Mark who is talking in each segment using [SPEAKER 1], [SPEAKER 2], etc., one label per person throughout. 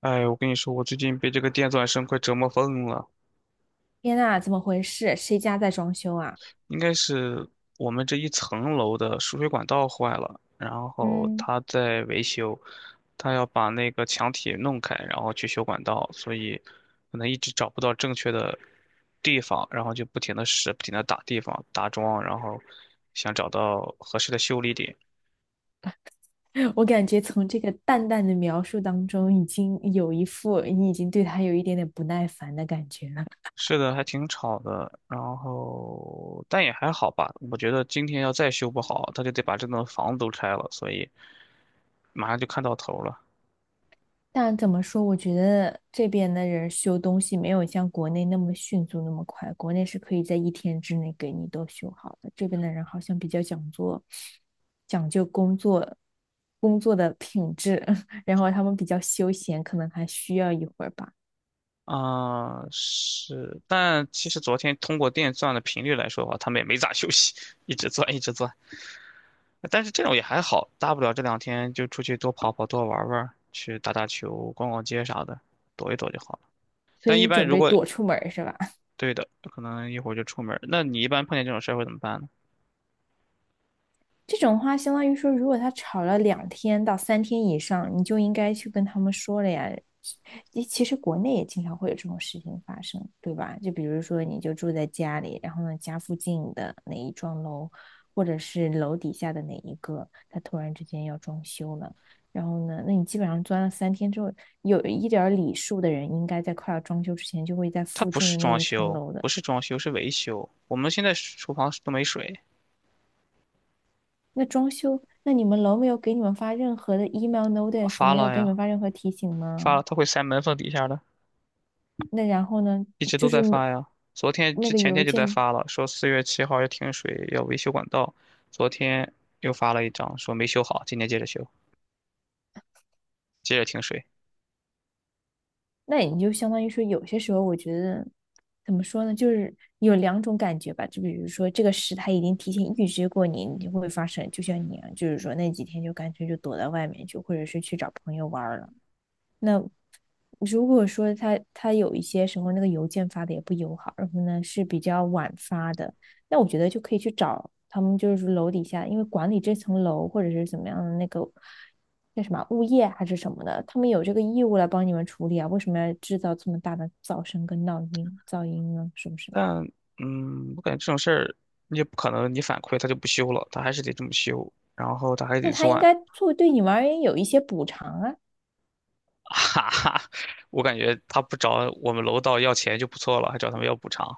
[SPEAKER 1] 哎，我跟你说，我最近被这个电钻声快折磨疯了。
[SPEAKER 2] 天呐，怎么回事？谁家在装修啊？
[SPEAKER 1] 应该是我们这一层楼的输水管道坏了，然后
[SPEAKER 2] 嗯。
[SPEAKER 1] 他在维修，他要把那个墙体弄开，然后去修管道，所以可能一直找不到正确的地方，然后就不停的试，不停的打地方、打桩，然后想找到合适的修理点。
[SPEAKER 2] 我感觉从这个淡淡的描述当中，已经有一副你已经对他有一点点不耐烦的感觉了。
[SPEAKER 1] 是的，还挺吵的，然后但也还好吧。我觉得今天要再修不好，他就得把这栋房子都拆了，所以。马上就看到头了。
[SPEAKER 2] 但怎么说，我觉得这边的人修东西没有像国内那么迅速、那么快。国内是可以在一天之内给你都修好的，这边的人好像比较讲究，讲究工作的品质，然后他们比较休闲，可能还需要一会儿吧。
[SPEAKER 1] 啊，是，但其实昨天通过电钻的频率来说的话，他们也没咋休息，一直钻一直钻。但是这种也还好，大不了这两天就出去多跑跑、多玩玩，去打打球、逛逛街啥的，躲一躲就好了。
[SPEAKER 2] 所以
[SPEAKER 1] 但一
[SPEAKER 2] 你
[SPEAKER 1] 般
[SPEAKER 2] 准
[SPEAKER 1] 如
[SPEAKER 2] 备
[SPEAKER 1] 果
[SPEAKER 2] 躲出门儿是吧？
[SPEAKER 1] 对的，可能一会儿就出门儿。那你一般碰见这种事儿会怎么办呢？
[SPEAKER 2] 这种话相当于说，如果他吵了两天到三天以上，你就应该去跟他们说了呀。其实国内也经常会有这种事情发生，对吧？就比如说，你就住在家里，然后呢，家附近的哪一幢楼，或者是楼底下的哪一个，他突然之间要装修了，然后呢，那你基本上钻了三天之后，有一点儿礼数的人，应该在快要装修之前，就会在
[SPEAKER 1] 它
[SPEAKER 2] 附
[SPEAKER 1] 不
[SPEAKER 2] 近的
[SPEAKER 1] 是
[SPEAKER 2] 那
[SPEAKER 1] 装
[SPEAKER 2] 一层
[SPEAKER 1] 修，
[SPEAKER 2] 楼的
[SPEAKER 1] 不是装修，是维修。我们现在厨房都没水，
[SPEAKER 2] 那装修，那你们楼没有给你们发任何的 email notice，
[SPEAKER 1] 发
[SPEAKER 2] 没有
[SPEAKER 1] 了
[SPEAKER 2] 给你
[SPEAKER 1] 呀，
[SPEAKER 2] 们发任何提醒
[SPEAKER 1] 发
[SPEAKER 2] 吗？
[SPEAKER 1] 了，它会塞门缝底下的。
[SPEAKER 2] 那然后呢，
[SPEAKER 1] 一直都
[SPEAKER 2] 就
[SPEAKER 1] 在
[SPEAKER 2] 是没
[SPEAKER 1] 发呀，昨天
[SPEAKER 2] 那
[SPEAKER 1] 之
[SPEAKER 2] 个
[SPEAKER 1] 前
[SPEAKER 2] 邮
[SPEAKER 1] 天就在
[SPEAKER 2] 件，
[SPEAKER 1] 发了，说4月7号要停水，要维修管道。昨天又发了一张，说没修好，今天接着修，接着停水。
[SPEAKER 2] 那你就相当于说，有些时候我觉得怎么说呢，就是有两种感觉吧。就比如说这个事他已经提前预知过你，你就会发生，就像你啊，就是说那几天就干脆就躲在外面去，或者是去找朋友玩儿了。那如果说他有一些时候那个邮件发的也不友好，然后呢是比较晚发的，那我觉得就可以去找他们，就是楼底下，因为管理这层楼或者是怎么样的那个那什么物业还是什么的，他们有这个义务来帮你们处理啊，为什么要制造这么大的噪声跟闹音噪音呢？是不是？
[SPEAKER 1] 但我感觉这种事儿你也不可能，你反馈他就不修了，他还是得这么修，然后他还得
[SPEAKER 2] 那他应
[SPEAKER 1] 算，
[SPEAKER 2] 该做对你们而言有一些补偿啊。
[SPEAKER 1] 哈哈。我感觉他不找我们楼道要钱就不错了，还找他们要补偿，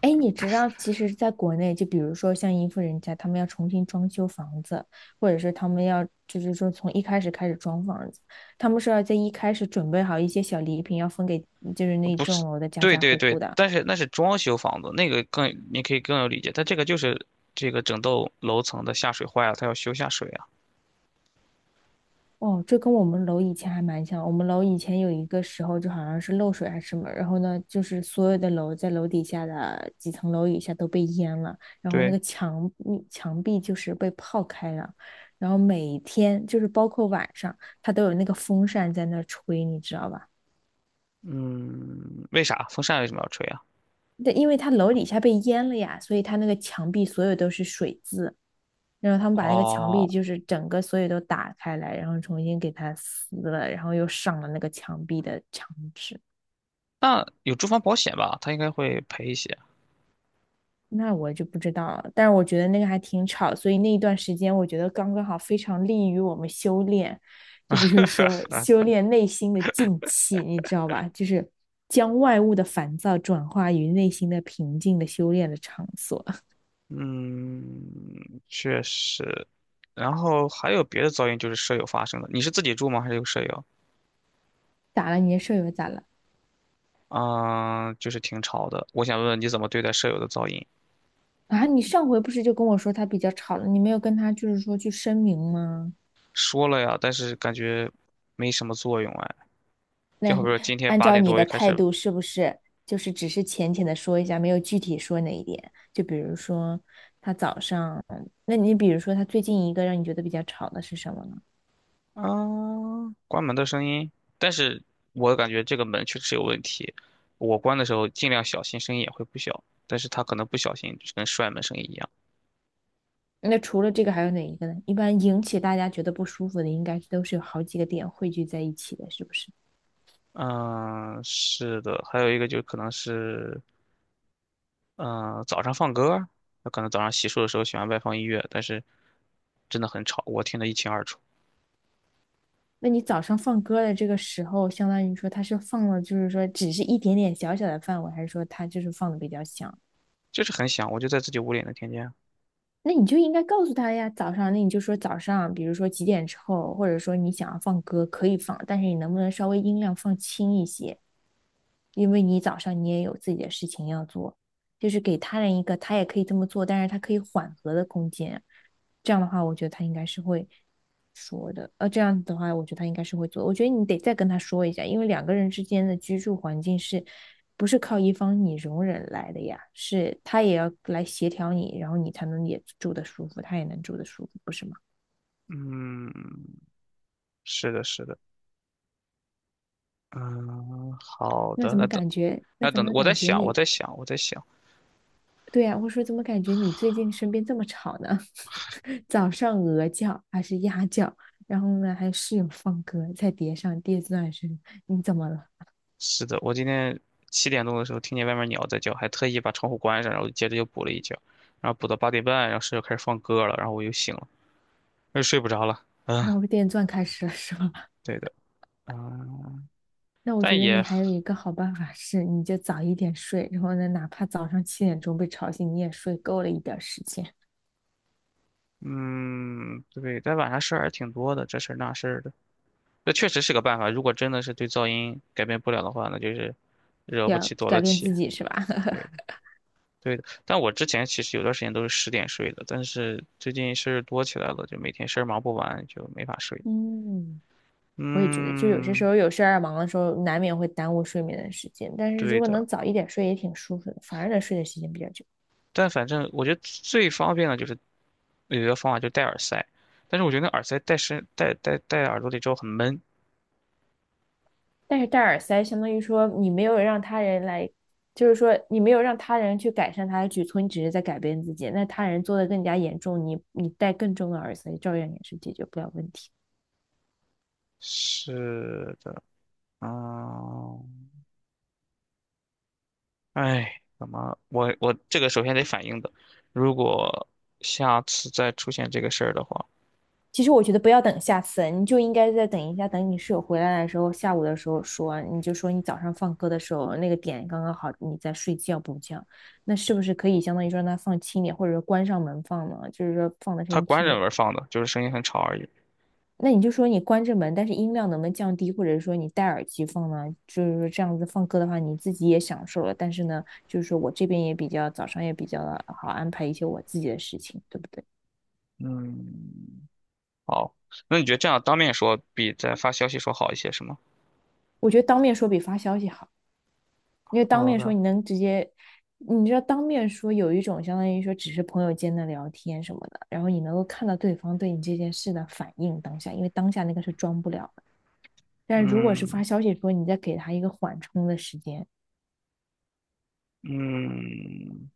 [SPEAKER 2] 哎，你知道，其实在国内，就比如说像一户人家，他们要重新装修房子，或者是他们要就是说从一开始装房子，他们是要在一开始准备好一些小礼品，要分给就是那一
[SPEAKER 1] 不
[SPEAKER 2] 幢
[SPEAKER 1] 是？
[SPEAKER 2] 楼的家
[SPEAKER 1] 对
[SPEAKER 2] 家
[SPEAKER 1] 对
[SPEAKER 2] 户
[SPEAKER 1] 对，
[SPEAKER 2] 户的。
[SPEAKER 1] 但是那是装修房子，那个更你可以更有理解，但这个就是这个整栋楼层的下水坏了，他要修下水啊。
[SPEAKER 2] 哦，这跟我们楼以前还蛮像。我们楼以前有一个时候，就好像是漏水还是什么，然后呢，就是所有的楼在楼底下的几层楼以下都被淹了，然后那
[SPEAKER 1] 对，
[SPEAKER 2] 个墙墙壁就是被泡开了，然后每天就是包括晚上，它都有那个风扇在那儿吹，你知道吧？
[SPEAKER 1] 嗯，为啥风扇为什么要吹啊？
[SPEAKER 2] 对，因为它楼底下被淹了呀，所以它那个墙壁所有都是水渍，然后他们把那个墙壁
[SPEAKER 1] 哦，
[SPEAKER 2] 就是整个所有都打开来，然后重新给它撕了，然后又上了那个墙壁的墙纸。
[SPEAKER 1] 那有住房保险吧，他应该会赔一些。
[SPEAKER 2] 那我就不知道了，但是我觉得那个还挺吵，所以那一段时间我觉得刚刚好非常利于我们修炼，就比如说修炼内心的静气，你知道吧？就是将外物的烦躁转化于内心的平静的修炼的场所。
[SPEAKER 1] 嗯，确实。然后还有别的噪音，就是舍友发生的。你是自己住吗？还是有舍友？
[SPEAKER 2] 咋了？你的舍友咋了？
[SPEAKER 1] 嗯，就是挺吵的。我想问问你怎么对待舍友的噪音？
[SPEAKER 2] 啊，你上回不是就跟我说他比较吵了，你没有跟他就是说去声明吗？
[SPEAKER 1] 说了呀，但是感觉没什么作用哎。就
[SPEAKER 2] 那
[SPEAKER 1] 好比说今天
[SPEAKER 2] 按
[SPEAKER 1] 八
[SPEAKER 2] 照
[SPEAKER 1] 点
[SPEAKER 2] 你
[SPEAKER 1] 多
[SPEAKER 2] 的
[SPEAKER 1] 又开
[SPEAKER 2] 态
[SPEAKER 1] 始
[SPEAKER 2] 度，是不是就是只是浅浅的说一下，没有具体说哪一点？就比如说他早上，那你比如说他最近一个让你觉得比较吵的是什么呢？
[SPEAKER 1] 啊，关门的声音，但是我感觉这个门确实有问题。我关的时候尽量小心，声音也会不小，但是他可能不小心就是跟摔门声音一样。
[SPEAKER 2] 那除了这个还有哪一个呢？一般引起大家觉得不舒服的，应该都是有好几个点汇聚在一起的，是不是？
[SPEAKER 1] 嗯，是的，还有一个就可能是，嗯，早上放歌儿，那可能早上洗漱的时候喜欢外放音乐，但是真的很吵，我听得一清二楚，
[SPEAKER 2] 那你早上放歌的这个时候，相当于说他是放了，就是说只是一点点小小的范围，还是说他就是放的比较响？
[SPEAKER 1] 就是很响，我就在自己屋里也能听见。
[SPEAKER 2] 那你就应该告诉他呀，早上，那你就说早上，比如说几点之后，或者说你想要放歌可以放，但是你能不能稍微音量放轻一些？因为你早上你也有自己的事情要做，就是给他人一个他也可以这么做，但是他可以缓和的空间，这样的话，我觉得他应该是会说的。这样的话，我觉得他应该是会做。我觉得你得再跟他说一下，因为两个人之间的居住环境是不是靠一方你容忍来的呀？是他也要来协调你，然后你才能也住得舒服，他也能住得舒服，不是吗？
[SPEAKER 1] 嗯，是的，是的，嗯，好
[SPEAKER 2] 那
[SPEAKER 1] 的，
[SPEAKER 2] 怎
[SPEAKER 1] 那
[SPEAKER 2] 么
[SPEAKER 1] 等
[SPEAKER 2] 感觉？那
[SPEAKER 1] 那
[SPEAKER 2] 怎
[SPEAKER 1] 等，
[SPEAKER 2] 么
[SPEAKER 1] 我在
[SPEAKER 2] 感觉
[SPEAKER 1] 想，我
[SPEAKER 2] 你？
[SPEAKER 1] 在想，我在想。
[SPEAKER 2] 对呀、我说怎么感觉你最近身边这么吵呢？早上鹅叫还是鸭叫？然后呢，还室友放歌，再叠上电钻声，你怎么了？
[SPEAKER 1] 是的，我今天7点钟的时候听见外面鸟在叫，还特意把窗户关上，然后接着又补了一觉，然后补到8点半，然后室友开始放歌了，然后我又醒了，又睡不着了。嗯，
[SPEAKER 2] 然后电钻开始了是吧？
[SPEAKER 1] 对的，嗯，
[SPEAKER 2] 那我觉
[SPEAKER 1] 但
[SPEAKER 2] 得你
[SPEAKER 1] 也，
[SPEAKER 2] 还有一个好办法是，你就早一点睡，然后呢，哪怕早上七点钟被吵醒，你也睡够了一点时间，
[SPEAKER 1] 嗯，对，但晚上事儿还挺多的，这事儿那事儿的，那确实是个办法。如果真的是对噪音改变不了的话，那就是惹不
[SPEAKER 2] 要
[SPEAKER 1] 起躲得
[SPEAKER 2] 改变
[SPEAKER 1] 起。
[SPEAKER 2] 自己是吧？
[SPEAKER 1] 对的 对的。但我之前其实有段时间都是10点睡的，但是最近事儿多起来了，就每天事儿忙不完，就没法睡。
[SPEAKER 2] 嗯，我也觉得，就有些时
[SPEAKER 1] 嗯，
[SPEAKER 2] 候有事儿啊忙的时候，难免会耽误睡眠的时间，但是如
[SPEAKER 1] 对
[SPEAKER 2] 果
[SPEAKER 1] 的，
[SPEAKER 2] 能早一点睡，也挺舒服的，反而能睡的时间比较久。
[SPEAKER 1] 但反正我觉得最方便的就是有一个方法，就戴耳塞。但是我觉得那耳塞戴身戴戴戴耳朵里之后很闷。
[SPEAKER 2] 但是戴耳塞相当于说你没有让他人来，就是说你没有让他人去改善他的举措，你只是在改变自己。那他人做的更加严重，你戴更重的耳塞，照样也是解决不了问题。
[SPEAKER 1] 是的，嗯，哎，怎么我这个首先得反映的，如果下次再出现这个事儿的话，
[SPEAKER 2] 其实我觉得不要等下次，你就应该再等一下，等你室友回来的时候，下午的时候说，你就说你早上放歌的时候那个点刚刚好，你在睡觉补觉，那是不是可以相当于说让他放轻点，或者说关上门放呢？就是说放的声
[SPEAKER 1] 它
[SPEAKER 2] 音
[SPEAKER 1] 关
[SPEAKER 2] 轻
[SPEAKER 1] 着
[SPEAKER 2] 点。
[SPEAKER 1] 门放的，就是声音很吵而已。
[SPEAKER 2] 那你就说你关着门，但是音量能不能降低，或者说你戴耳机放呢？就是说这样子放歌的话，你自己也享受了，但是呢，就是说我这边也比较早上也比较好安排一些我自己的事情，对不对？
[SPEAKER 1] 嗯，好，那你觉得这样当面说比在发消息说好一些是吗？
[SPEAKER 2] 我觉得当面说比发消息好，因为当
[SPEAKER 1] 好
[SPEAKER 2] 面说
[SPEAKER 1] 的，
[SPEAKER 2] 你能直接，你知道当面说有一种相当于说只是朋友间的聊天什么的，然后你能够看到对方对你这件事的反应当下，因为当下那个是装不了的。但是如果是发
[SPEAKER 1] 嗯
[SPEAKER 2] 消息说，你再给他一个缓冲的时间
[SPEAKER 1] 嗯。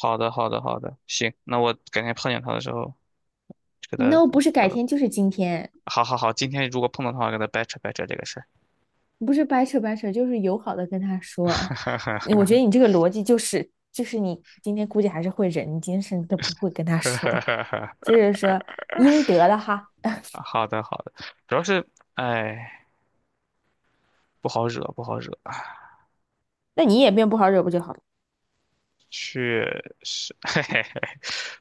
[SPEAKER 1] 好的，好的，好的，行，那我改天碰见他的时候就给
[SPEAKER 2] 你
[SPEAKER 1] 他，
[SPEAKER 2] 那不是
[SPEAKER 1] 好
[SPEAKER 2] 改
[SPEAKER 1] 的，
[SPEAKER 2] 天就是今天。
[SPEAKER 1] 好好好，今天如果碰到他，我给他掰扯掰扯这个事儿。
[SPEAKER 2] 不是掰扯掰扯，就是友好的跟他说啊。我觉得你这个逻辑就是，就是你今天估计还是会忍，你今天甚至都不会跟他说，就是说应得的哈。
[SPEAKER 1] 好的，好的，主要是，哎，不好惹，不好惹，
[SPEAKER 2] 那你也变不好惹不就好了？
[SPEAKER 1] 确实，嘿嘿嘿，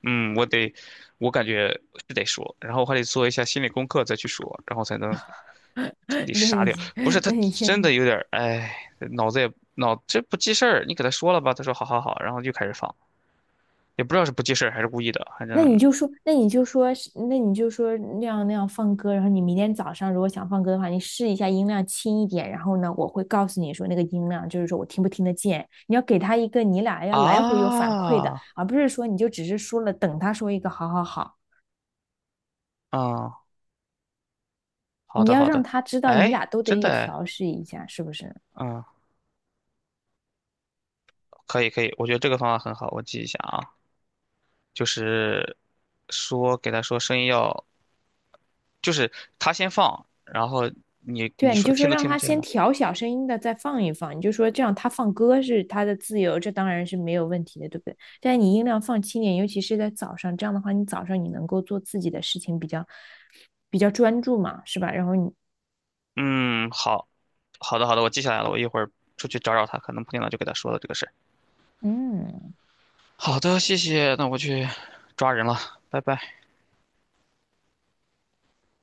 [SPEAKER 1] 嗯，我感觉是得说，然后我还得做一下心理功课再去说，然后才能 彻底
[SPEAKER 2] 那
[SPEAKER 1] 杀掉。
[SPEAKER 2] 你
[SPEAKER 1] 不是他
[SPEAKER 2] 那你
[SPEAKER 1] 真
[SPEAKER 2] 先
[SPEAKER 1] 的有点儿，哎，脑子也脑这不记事儿，你给他说了吧，他说好好好，然后又开始放。也不知道是不记事儿还是故意的，反
[SPEAKER 2] 那你
[SPEAKER 1] 正
[SPEAKER 2] 就说，那你就说是那你就说那样放歌，然后你明天早上如果想放歌的话，你试一下音量轻一点，然后呢，我会告诉你说那个音量就是说我听不听得见，你要给他一个你俩要来回有反馈的，
[SPEAKER 1] 啊，
[SPEAKER 2] 而不是说你就只是说了等他说一个好好好，
[SPEAKER 1] 嗯，好
[SPEAKER 2] 你
[SPEAKER 1] 的
[SPEAKER 2] 要
[SPEAKER 1] 好
[SPEAKER 2] 让
[SPEAKER 1] 的，
[SPEAKER 2] 他知道你
[SPEAKER 1] 哎，
[SPEAKER 2] 俩都
[SPEAKER 1] 真的
[SPEAKER 2] 得
[SPEAKER 1] 哎，
[SPEAKER 2] 调试一下，是不是？
[SPEAKER 1] 嗯，可以可以，我觉得这个方法很好，我记一下啊，就是说给他说声音要，就是他先放，然后你
[SPEAKER 2] 对
[SPEAKER 1] 你
[SPEAKER 2] 啊，你
[SPEAKER 1] 说
[SPEAKER 2] 就说
[SPEAKER 1] 听都
[SPEAKER 2] 让
[SPEAKER 1] 听不
[SPEAKER 2] 他
[SPEAKER 1] 见
[SPEAKER 2] 先
[SPEAKER 1] 吗？
[SPEAKER 2] 调小声音的，再放一放，你就说这样他放歌是他的自由，这当然是没有问题的，对不对？但是你音量放轻点，尤其是在早上，这样的话你早上你能够做自己的事情比较比较专注嘛，是吧？然后你
[SPEAKER 1] 嗯，好，好的好的，我记下来了，我一会儿出去找找他，可能碰见了就给他说了这个事儿。
[SPEAKER 2] 嗯。
[SPEAKER 1] 好的，谢谢，那我去抓人了，拜拜。